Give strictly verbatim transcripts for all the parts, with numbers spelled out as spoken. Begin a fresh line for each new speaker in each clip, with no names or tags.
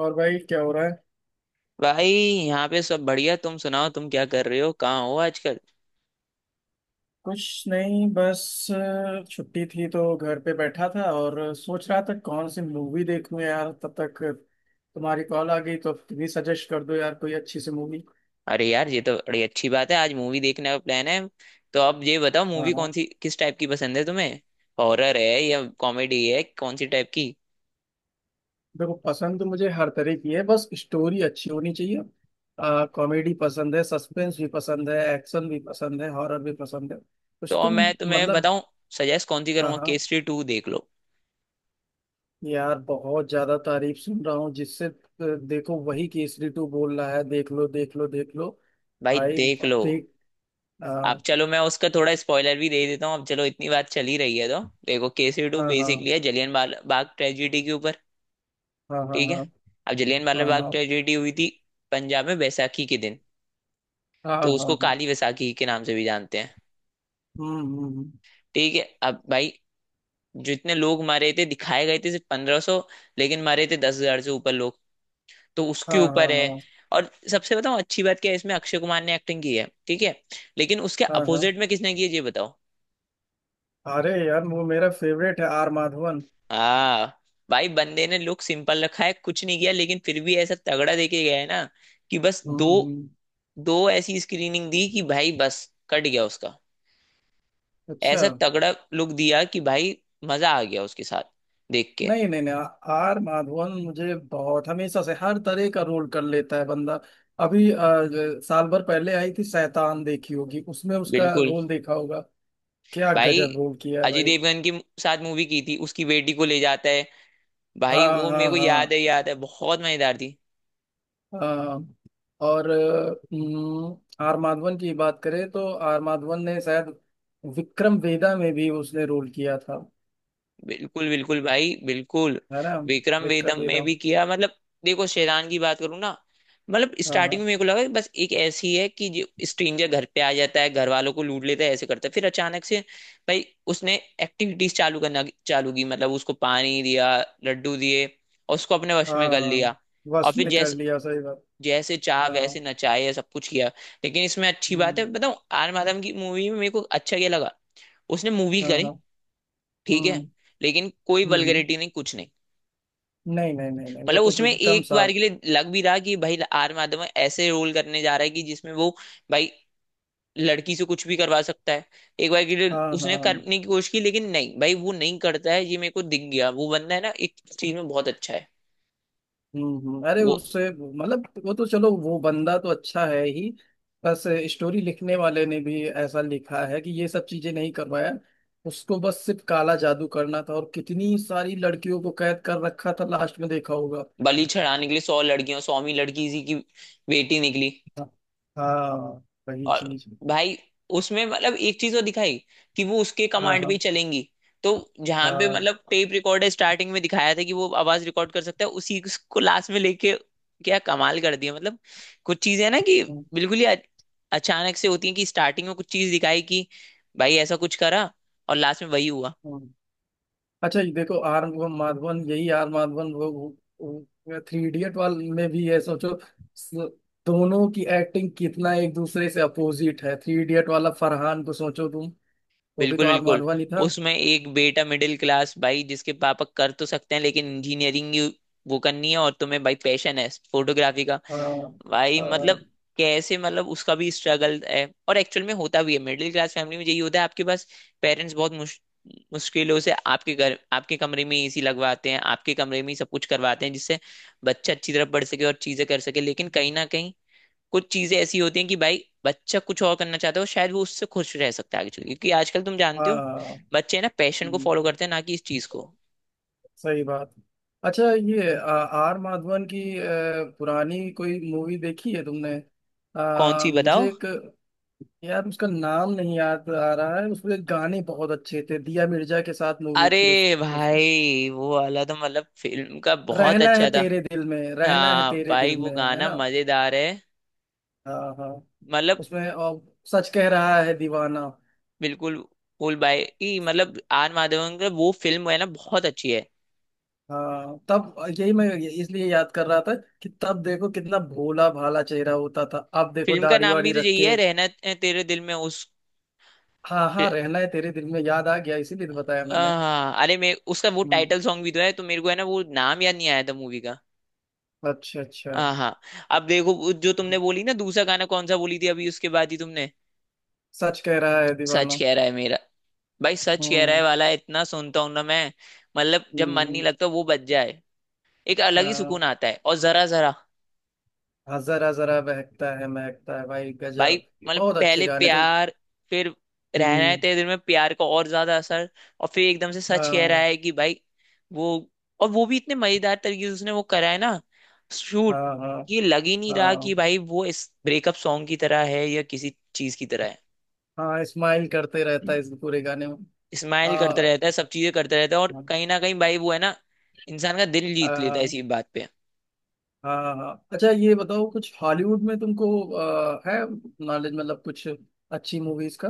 और भाई, क्या हो रहा है?
भाई यहाँ पे सब बढ़िया। तुम सुनाओ, तुम क्या कर रहे हो, कहाँ हो आजकल?
कुछ नहीं, बस अ, छुट्टी थी तो घर पे बैठा था और सोच रहा था कौन सी मूवी देखूं यार, तब तक तुम्हारी कॉल आ गई। तो तुम ही सजेस्ट कर दो यार, कोई अच्छी सी मूवी।
अरे यार, ये तो बड़ी अच्छी बात है, आज मूवी देखने का प्लान है। तो अब ये बताओ,
हाँ,
मूवी कौन
हाँ।
सी, किस टाइप की पसंद है तुम्हें? हॉरर है या कॉमेडी है, कौन सी टाइप की?
देखो, पसंद तो मुझे हर तरह की है, बस स्टोरी अच्छी होनी चाहिए। कॉमेडी पसंद है, सस्पेंस भी पसंद है, एक्शन भी पसंद है, हॉरर भी पसंद है।
तो
कुछ
अब
तुम।
मैं तुम्हें
मतलब।
बताऊं सजेस्ट कौन सी
हाँ,
करूंगा,
हाँ।
केसरी टू देख लो।
यार बहुत ज्यादा तारीफ सुन रहा हूँ जिससे अ, देखो, वही केसरी टू बोल रहा है, देख लो, देख लो, देख लो।
भाई
भाई,
देख
अब
लो।
देख। आ,
आप चलो, मैं उसका थोड़ा स्पॉइलर भी दे देता हूँ, अब चलो इतनी बात चली रही है तो। देखो, केसरी टू
हाँ, हाँ,
बेसिकली है जलियन बाग ट्रेजिडी के ऊपर।
हाँ, हाँ,
ठीक है।
हाँ,
अब जलियन वाला बाग
हाँ,
ट्रेजिडी हुई थी पंजाब में बैसाखी के दिन।
हाँ, हाँ,
तो
हाँ,
उसको
हाँ, हाँ,
काली वैसाखी के नाम से भी जानते हैं।
हम्म, हम्म, हम्म,
ठीक है, अब भाई जितने लोग मारे थे दिखाए गए थे सिर्फ पंद्रह सौ, लेकिन मारे थे दस हजार से ऊपर लोग। तो उसके
हाँ, हाँ,
ऊपर है।
हाँ,
और सबसे बताओ अच्छी बात क्या है, इसमें अक्षय कुमार ने एक्टिंग की है। ठीक है। लेकिन उसके
हाँ, हाँ, हाँ।
अपोजिट में किसने की है ये बताओ।
अरे यार, वो मेरा फेवरेट है, आर माधवन।
हाँ, भाई बंदे ने लुक सिंपल रखा है, कुछ नहीं किया, लेकिन फिर भी ऐसा तगड़ा देके गया है ना कि बस
हम्म,
दो
हम्म, हम्म,
दो ऐसी स्क्रीनिंग दी कि भाई बस कट गया उसका।
अच्छा।
ऐसा तगड़ा लुक दिया कि भाई मजा आ गया उसके साथ देख के।
नहीं, नहीं, नहीं, आ- आर माधवन मुझे बहुत, हमेशा से हर तरह का रोल कर लेता है बंदा। अभी अ, ज- साल भर पहले आई थी शैतान, देखी होगी, उसमें उसका
बिल्कुल।
रोल देखा होगा। क्या
भाई
गजब रोल किया है
अजय
भाई।
देवगन के साथ मूवी की थी, उसकी बेटी को ले जाता है। भाई
हाँ,
वो मेरे
हाँ,
को याद
हाँ,
है, याद है, बहुत मजेदार थी।
हाँ। और अ, आर माधवन की बात करें तो आर माधवन ने शायद विक्रम वेदा में भी उसने रोल किया था,
बिल्कुल बिल्कुल भाई बिल्कुल।
है ना?
विक्रम
विक्रम
वेदम में
वेदा।
भी किया मतलब। देखो, शेरान की बात करूँ ना, मतलब
हाँ,
स्टार्टिंग
हाँ,
में मेरे को लगा कि बस एक ऐसी है कि जो स्ट्रेंजर घर पे आ जाता है, घर वालों को लूट लेता है, ऐसे करता है, फिर अचानक से भाई उसने एक्टिविटीज चालू करना चालू की। मतलब उसको पानी दिया, लड्डू दिए, और उसको अपने वश में
हाँ,
कर लिया।
हाँ।
और
बस
फिर
में कर
जैसे
लिया, सही बात।
जैसे चाह वैसे
हाँ।
नचाए या सब कुछ किया। लेकिन इसमें अच्छी बात है
हम्म।
बताऊं, आर माधवन की मूवी में मेरे को अच्छा क्या लगा, उसने मूवी
हाँ,
करी,
हाँ।
ठीक
हम्म,
है, लेकिन कोई
हम्म। हम्म।
वल्गरिटी नहीं, कुछ नहीं।
नहीं, नहीं, नहीं, नहीं, वो
मतलब
तो
उसमें
एकदम
एक बार
साफ।
के लिए लग भी रहा कि भाई आर माधवन ऐसे रोल करने जा रहा है कि जिसमें वो भाई लड़की से कुछ भी करवा सकता है। एक बार के लिए
हाँ, हाँ,
उसने
हाँ।
करने की कोशिश की, लेकिन नहीं भाई वो नहीं करता है, ये मेरे को दिख गया। वो बंदा है ना एक चीज में बहुत अच्छा है।
हम्म, हम्म, अरे
वो
उससे मतलब वो तो चलो, वो बंदा तो अच्छा है ही, बस स्टोरी लिखने वाले ने भी ऐसा लिखा है कि ये सब चीजें नहीं करवाया। उसको बस सिर्फ काला जादू करना था, और कितनी सारी लड़कियों को कैद कर रखा था, लास्ट में देखा होगा।
बलि चढ़ाने के लिए सौ लड़कियां, सौवीं लड़की इसी की बेटी निकली।
हाँ, हाँ, वही
और
चीज।
भाई उसमें मतलब एक चीज तो दिखाई कि वो उसके
हाँ,
कमांड पे ही
हाँ,
चलेंगी। तो जहां पे
हाँ।
मतलब टेप रिकॉर्डर स्टार्टिंग में दिखाया था कि वो आवाज रिकॉर्ड कर सकता है, उसी को लास्ट में लेके क्या कमाल कर दिया मतलब। कुछ चीजें ना कि
हम्म,
बिल्कुल ही अच- अचानक से होती है, कि स्टार्टिंग में कुछ चीज दिखाई कि भाई ऐसा कुछ करा, और लास्ट में वही हुआ।
हम्म। अच्छा, ये देखो, आर माधवन, यही आर माधवन वो, वो थ्री इडियट वाले में भी है, सोचो। स- दोनों की एक्टिंग कितना एक दूसरे से अपोजिट है। थ्री इडियट वाला फरहान को सोचो तुम, वो भी
बिल्कुल
तो आर
बिल्कुल।
माधवन ही था।
उसमें एक बेटा मिडिल क्लास भाई, जिसके पापा कर तो सकते हैं लेकिन इंजीनियरिंग वो करनी है, और तुम्हें भाई पैशन है फोटोग्राफी का।
हाँ,
भाई
हाँ,
मतलब कैसे, मतलब उसका भी स्ट्रगल है, और एक्चुअल में होता भी है, मिडिल क्लास फैमिली में यही होता है। आपके पास पेरेंट्स बहुत मुश, मुश्किलों से आपके घर आपके कमरे में एसी लगवाते हैं, आपके कमरे में ही सब कुछ करवाते हैं, जिससे बच्चा अच्छी तरह पढ़ सके और चीजें कर सके, लेकिन कहीं ना कहीं कुछ चीजें ऐसी होती हैं कि भाई बच्चा कुछ और करना चाहता है, और शायद वो उससे खुश रह सकता है आगे चल के। क्योंकि आजकल तुम जानते हो
हाँ,
बच्चे है ना पैशन को
हम्म,
फॉलो करते हैं, ना कि इस चीज को।
सही बात। अच्छा, ये आ, आर माधवन की अ, पुरानी कोई मूवी देखी है तुमने?
कौन
आ,
सी बताओ?
मुझे एक, यार उसका नाम नहीं याद आ रहा है, उसके गाने बहुत अच्छे थे। दिया मिर्जा के साथ मूवी
अरे
थी उस उसकी।
भाई, वो वाला तो मतलब फिल्म का बहुत
रहना है
अच्छा था।
तेरे दिल में, रहना है
हाँ
तेरे दिल
भाई वो
में, है
गाना
ना?
मजेदार है
हाँ, हाँ।
मतलब।
उसमें और सच कह रहा है दीवाना।
बिल्कुल। फुल भाई की, मतलब आर माधवन का मतलब वो फिल्म है ना बहुत अच्छी है।
हाँ, तब यही मैं इसलिए याद कर रहा था, कि तब देखो कितना भोला भाला चेहरा होता था, अब देखो
फिल्म का
दाढ़ी
नाम भी
वाड़ी
तो
रख
यही
के।
है, रहना तेरे दिल में उस।
हाँ, हाँ, रहना है तेरे दिल में, याद आ गया, इसीलिए तो बताया मैंने।
हाँ, अरे मैं उसका वो
हम्म।
टाइटल सॉन्ग भी तो है, तो मेरे को है ना वो नाम याद नहीं आया था मूवी का।
अच्छा, अच्छा।
हाँ हाँ। अब देखो वो जो तुमने बोली ना दूसरा गाना, कौन सा बोली थी अभी उसके बाद ही तुमने।
सच कह रहा है
सच
दीवाना।
कह रहा है मेरा, भाई सच कह रहा है
हम्म,
वाला इतना सुनता हूं ना मैं, मतलब जब मन नहीं
हम्म,
लगता वो बज जाए, एक अलग ही
हाँ,
सुकून आता है। और जरा जरा
हाँ, जरा जरा बहकता है महकता है, भाई
भाई,
गजब।
मतलब
बहुत अच्छे
पहले
गाने तो।
प्यार, फिर रहना है
हम्म।
तेरे दिल में प्यार का और ज्यादा असर, और फिर एकदम से सच कह रहा
हाँ,
है कि भाई वो, और वो भी इतने मजेदार तरीके से उसने वो करा है ना, शूट।
हाँ, हाँ,
ये लग ही नहीं रहा कि
हाँ,
भाई वो इस ब्रेकअप सॉन्ग की तरह है या किसी चीज की तरह है।
हाँ, स्माइल करते रहता
हम्म।
है इस पूरे गाने में।
स्माइल करता
आ,
रहता है, सब चीजें करता रहता है, और
हाँ,
कहीं ना कहीं भाई वो है ना इंसान का दिल जीत लेता है
हाँ,
इसी बात पे।
हाँ। अच्छा, ये बताओ कुछ हॉलीवुड में तुमको आ, है नॉलेज, मतलब कुछ अच्छी मूवीज का?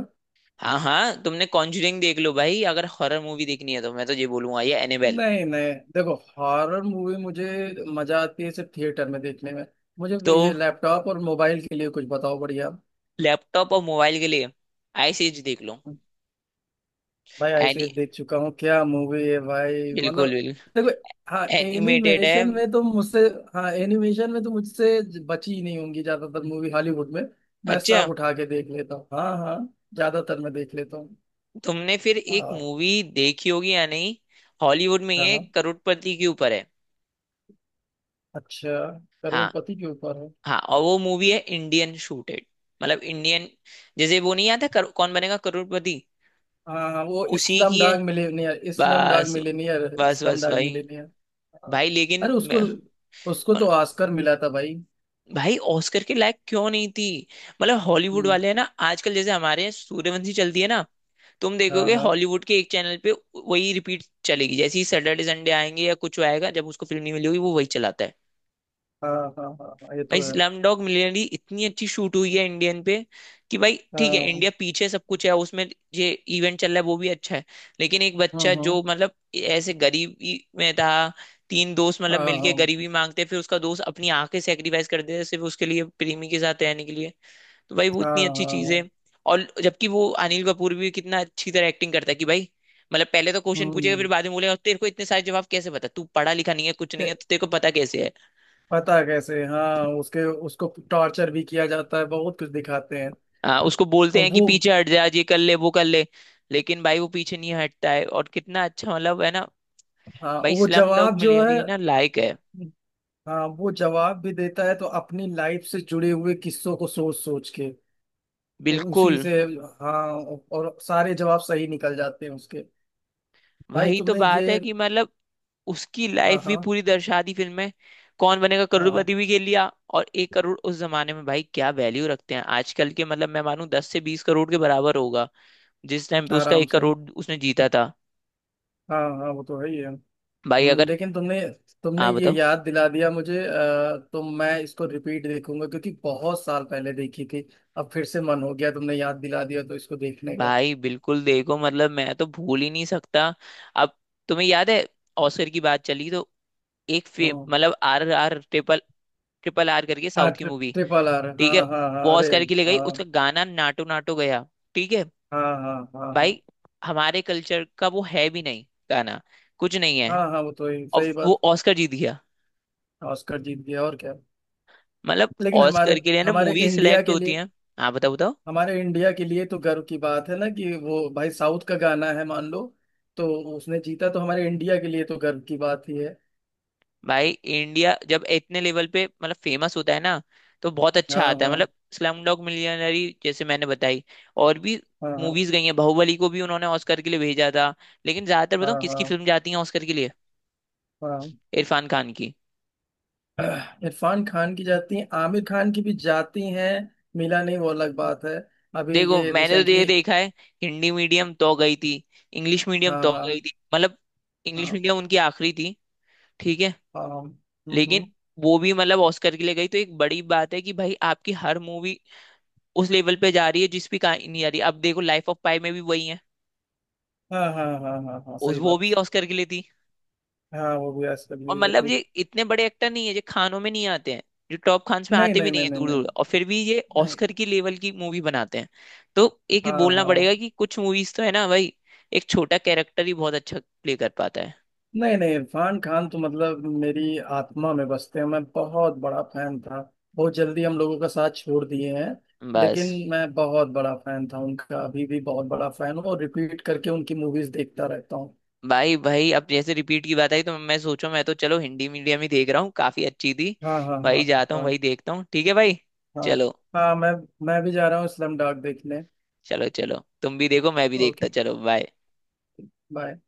हाँ हाँ, तुमने कॉन्जरिंग देख लो भाई, अगर हॉरर मूवी देखनी है तो मैं तो ये बोलूंगा, ये एनेबेल।
नहीं, नहीं, देखो हॉरर मूवी मुझे मजा आती है सिर्फ थिएटर में देखने में। मुझे
तो
ये लैपटॉप और मोबाइल के लिए कुछ बताओ बढ़िया।
लैपटॉप और मोबाइल के लिए आई सीरीज देख लो।
भाई, आइसक्रीम
एनी,
देख चुका हूँ। क्या मूवी है भाई, मतलब।
बिल्कुल बिल्कुल,
देखो। हाँ,
एनिमेटेड है।
एनिमेशन में तो मुझसे, हाँ एनिमेशन में तो मुझसे ज- बची ही नहीं होंगी ज्यादातर मूवी हॉलीवुड में। मैं
अच्छा,
सब उठा के देख लेता हूँ। हाँ, हाँ। ज्यादातर मैं देख लेता हूँ।
तुमने फिर एक
हाँ,
मूवी देखी होगी या नहीं, हॉलीवुड में,
हाँ,
ये
हाँ।
करोड़पति के ऊपर है।
अच्छा,
हाँ
करोड़पति के ऊपर है?
हाँ, और वो मूवी है इंडियन शूटेड, मतलब इंडियन। जैसे वो नहीं आता, करो- कौन बनेगा करोड़पति,
हाँ, हाँ, वो
उसी
इस्लाम
की है।
डाग मिलेनियर, इस्लाम डाग
बस
मिलेनियर,
बस
इस्लाम
बस
डाग
भाई।
मिलेनियर। हाँ।
भाई लेकिन
अरे उसको,
मैं,
उसको तो ऑस्कर मिला था भाई।
भाई ऑस्कर के लायक क्यों नहीं थी? मतलब हॉलीवुड
हम्म,
वाले है ना आजकल, जैसे हमारे यहाँ सूर्यवंशी चलती है ना, तुम
हाँ,
देखोगे
हाँ,
हॉलीवुड के एक चैनल पे वही रिपीट चलेगी। जैसे ही सैटरडे संडे आएंगे या कुछ आएगा, जब उसको फिल्म नहीं मिलेगी वो वही चलाता है।
हाँ, हाँ, हाँ, हाँ, ये
भाई
तो है।
स्लमडॉग मिलियनेयर इतनी अच्छी शूट हुई है इंडियन पे, कि भाई ठीक है,
हाँ,
इंडिया पीछे सब कुछ है उसमें, ये इवेंट चल रहा है, वो भी अच्छा है। लेकिन एक
हाँ,
बच्चा
हाँ,
जो मतलब ऐसे गरीबी में था, तीन दोस्त मतलब मिलके
हाँ,
गरीबी मांगते, फिर उसका दोस्त अपनी आंखें सेक्रीफाइस कर देता है सिर्फ उसके लिए प्रेमी के साथ रहने के लिए। तो भाई वो
हाँ,
इतनी अच्छी चीज है।
हाँ।
और जबकि वो अनिल कपूर भी कितना अच्छी तरह एक्टिंग करता है कि भाई, मतलब पहले तो क्वेश्चन पूछेगा, फिर
हम्म।
बाद में बोलेगा तेरे को इतने सारे जवाब कैसे पता, तू पढ़ा लिखा नहीं है, कुछ नहीं है,
के-
तो तेरे को पता कैसे है।
पता है कैसे। हाँ, उसके, उसको टॉर्चर भी किया जाता है, बहुत कुछ दिखाते हैं।
हाँ, उसको बोलते
और
हैं कि
वो।
पीछे हट जा, आज ये कर ले वो कर ले, लेकिन भाई वो पीछे नहीं हटता है, और कितना अच्छा मतलब है ना।
हाँ,
भाई
वो
स्लम डॉग
जवाब जो है।
मिलियनेयर है ना लायक है।
हाँ, वो जवाब भी देता है तो अपनी लाइफ से जुड़े हुए किस्सों को सोच सोच के, और उसी
बिल्कुल।
से। हाँ, और सारे जवाब सही निकल जाते हैं उसके। भाई,
वही तो
तुमने ये।
बात है कि मतलब उसकी
हाँ,
लाइफ भी
हाँ,
पूरी दर्शा दी फिल्म में, कौन बनेगा
हाँ,
करोड़पति भी खेल लिया, और एक करोड़ उस जमाने में भाई क्या वैल्यू रखते हैं, आजकल के मतलब मैं मानूं दस से बीस करोड़ के बराबर होगा जिस टाइम पे उसका
आराम
एक
से।
करोड़ उसने जीता था।
हाँ, हाँ, वो तो है ही है।
भाई
हम्म,
अगर,
लेकिन तुमने तुमने
हाँ
ये
बताओ।
याद दिला दिया मुझे, अ, तो मैं इसको रिपीट देखूंगा, क्योंकि बहुत साल पहले देखी थी। अब फिर से मन हो गया, तुमने याद दिला दिया तो इसको देखने का।
भाई बिल्कुल देखो मतलब मैं तो भूल ही नहीं सकता। अब तुम्हें याद है, ऑस्कर की बात चली तो, एक फेम
हाँ,
मतलब R R triple, triple R करके
हाँ,
साउथ की
ट्रि,
मूवी,
ट्रिपल आर,
ठीक
हाँ,
है,
हाँ, हाँ,
वो
अरे।
ऑस्कर के लिए गई,
हाँ,
उसका गाना नाटो नाटो गया। ठीक है,
हाँ, हाँ, हाँ, हाँ,
भाई हमारे कल्चर का वो है भी नहीं, गाना कुछ नहीं है,
हाँ। हाँ, वो तो ही,
और
सही
वो
बात।
ऑस्कर जीत गया।
ऑस्कर जीत गया और क्या।
मतलब
लेकिन हमारे
ऑस्कर के लिए ना
हमारे
मूवी
इंडिया
सिलेक्ट
के
होती
लिए,
है। हाँ बताओ बताओ।
हमारे इंडिया के लिए तो गर्व की बात है ना, कि वो भाई साउथ का गाना है, मान लो, तो उसने जीता तो हमारे इंडिया के लिए तो गर्व की बात ही है।
भाई इंडिया जब इतने लेवल पे मतलब फेमस होता है ना, तो बहुत अच्छा
हाँ,
आता है।
हाँ,
मतलब स्लम डॉग मिलियनरी जैसे मैंने बताई, और भी
हाँ, हाँ,
मूवीज गई हैं, बाहुबली को भी उन्होंने ऑस्कर के लिए भेजा था। लेकिन ज्यादातर बताऊं
हाँ,
किसकी
हाँ,
फिल्म जाती है ऑस्कर के लिए,
हाँ,
इरफान खान की।
इरफान खान की जाती हैं, आमिर खान की भी जाती हैं। मिला नहीं, वो अलग बात है। अभी
देखो
ये
मैंने तो ये
रिसेंटली।
देखा है, हिंदी मीडियम तो गई थी, इंग्लिश मीडियम
हाँ,
तो गई
हाँ,
थी, मतलब इंग्लिश
हाँ,
मीडियम उनकी आखिरी थी, ठीक है।
हाँ, हाँ, हम्म,
लेकिन
हम्म,
वो भी मतलब ऑस्कर के लिए गई, तो एक बड़ी बात है कि भाई आपकी हर मूवी उस लेवल पे जा रही है जिस भी कहानी नहीं आ रही। अब देखो लाइफ ऑफ पाई में भी वही है,
हाँ, हाँ, हाँ, हाँ, हाँ,
उस
सही
वो
बात।
भी ऑस्कर के लिए थी।
हाँ, वो भी आजकल
और
भी हुए
मतलब
थे।
ये इतने बड़े एक्टर नहीं है, जो खानों में नहीं आते हैं, जो टॉप खान्स में
नहीं,
आते भी
नहीं,
नहीं
नहीं,
है
नहीं,
दूर दूर,
नहीं,
और फिर भी ये
नहीं।
ऑस्कर की लेवल की मूवी बनाते हैं। तो एक
हाँ,
बोलना पड़ेगा
हाँ।
कि कुछ मूवीज तो है ना भाई, एक छोटा कैरेक्टर ही बहुत अच्छा प्ले कर पाता है।
नहीं, नहीं, इरफान खान तो मतलब मेरी आत्मा में बसते हैं, मैं बहुत बड़ा फैन था। बहुत जल्दी हम लोगों का साथ छोड़ दिए हैं।
बस।
लेकिन मैं बहुत बड़ा फैन था उनका, अभी भी बहुत बड़ा फैन हूँ, और रिपीट करके उनकी मूवीज देखता रहता हूँ।
भाई भाई, अब जैसे रिपीट की बात आई, तो मैं सोचो मैं तो चलो हिंदी मीडियम ही देख रहा हूँ, काफी अच्छी थी,
हाँ, हाँ,
वही
हाँ,
जाता हूँ,
हाँ,
वही देखता हूँ, ठीक है भाई।
हाँ,
चलो
हाँ। मैं मैं भी जा रहा हूँ स्लम डॉग देखने।
चलो चलो, तुम भी देखो मैं भी देखता,
ओके।
चलो बाय।
बाय।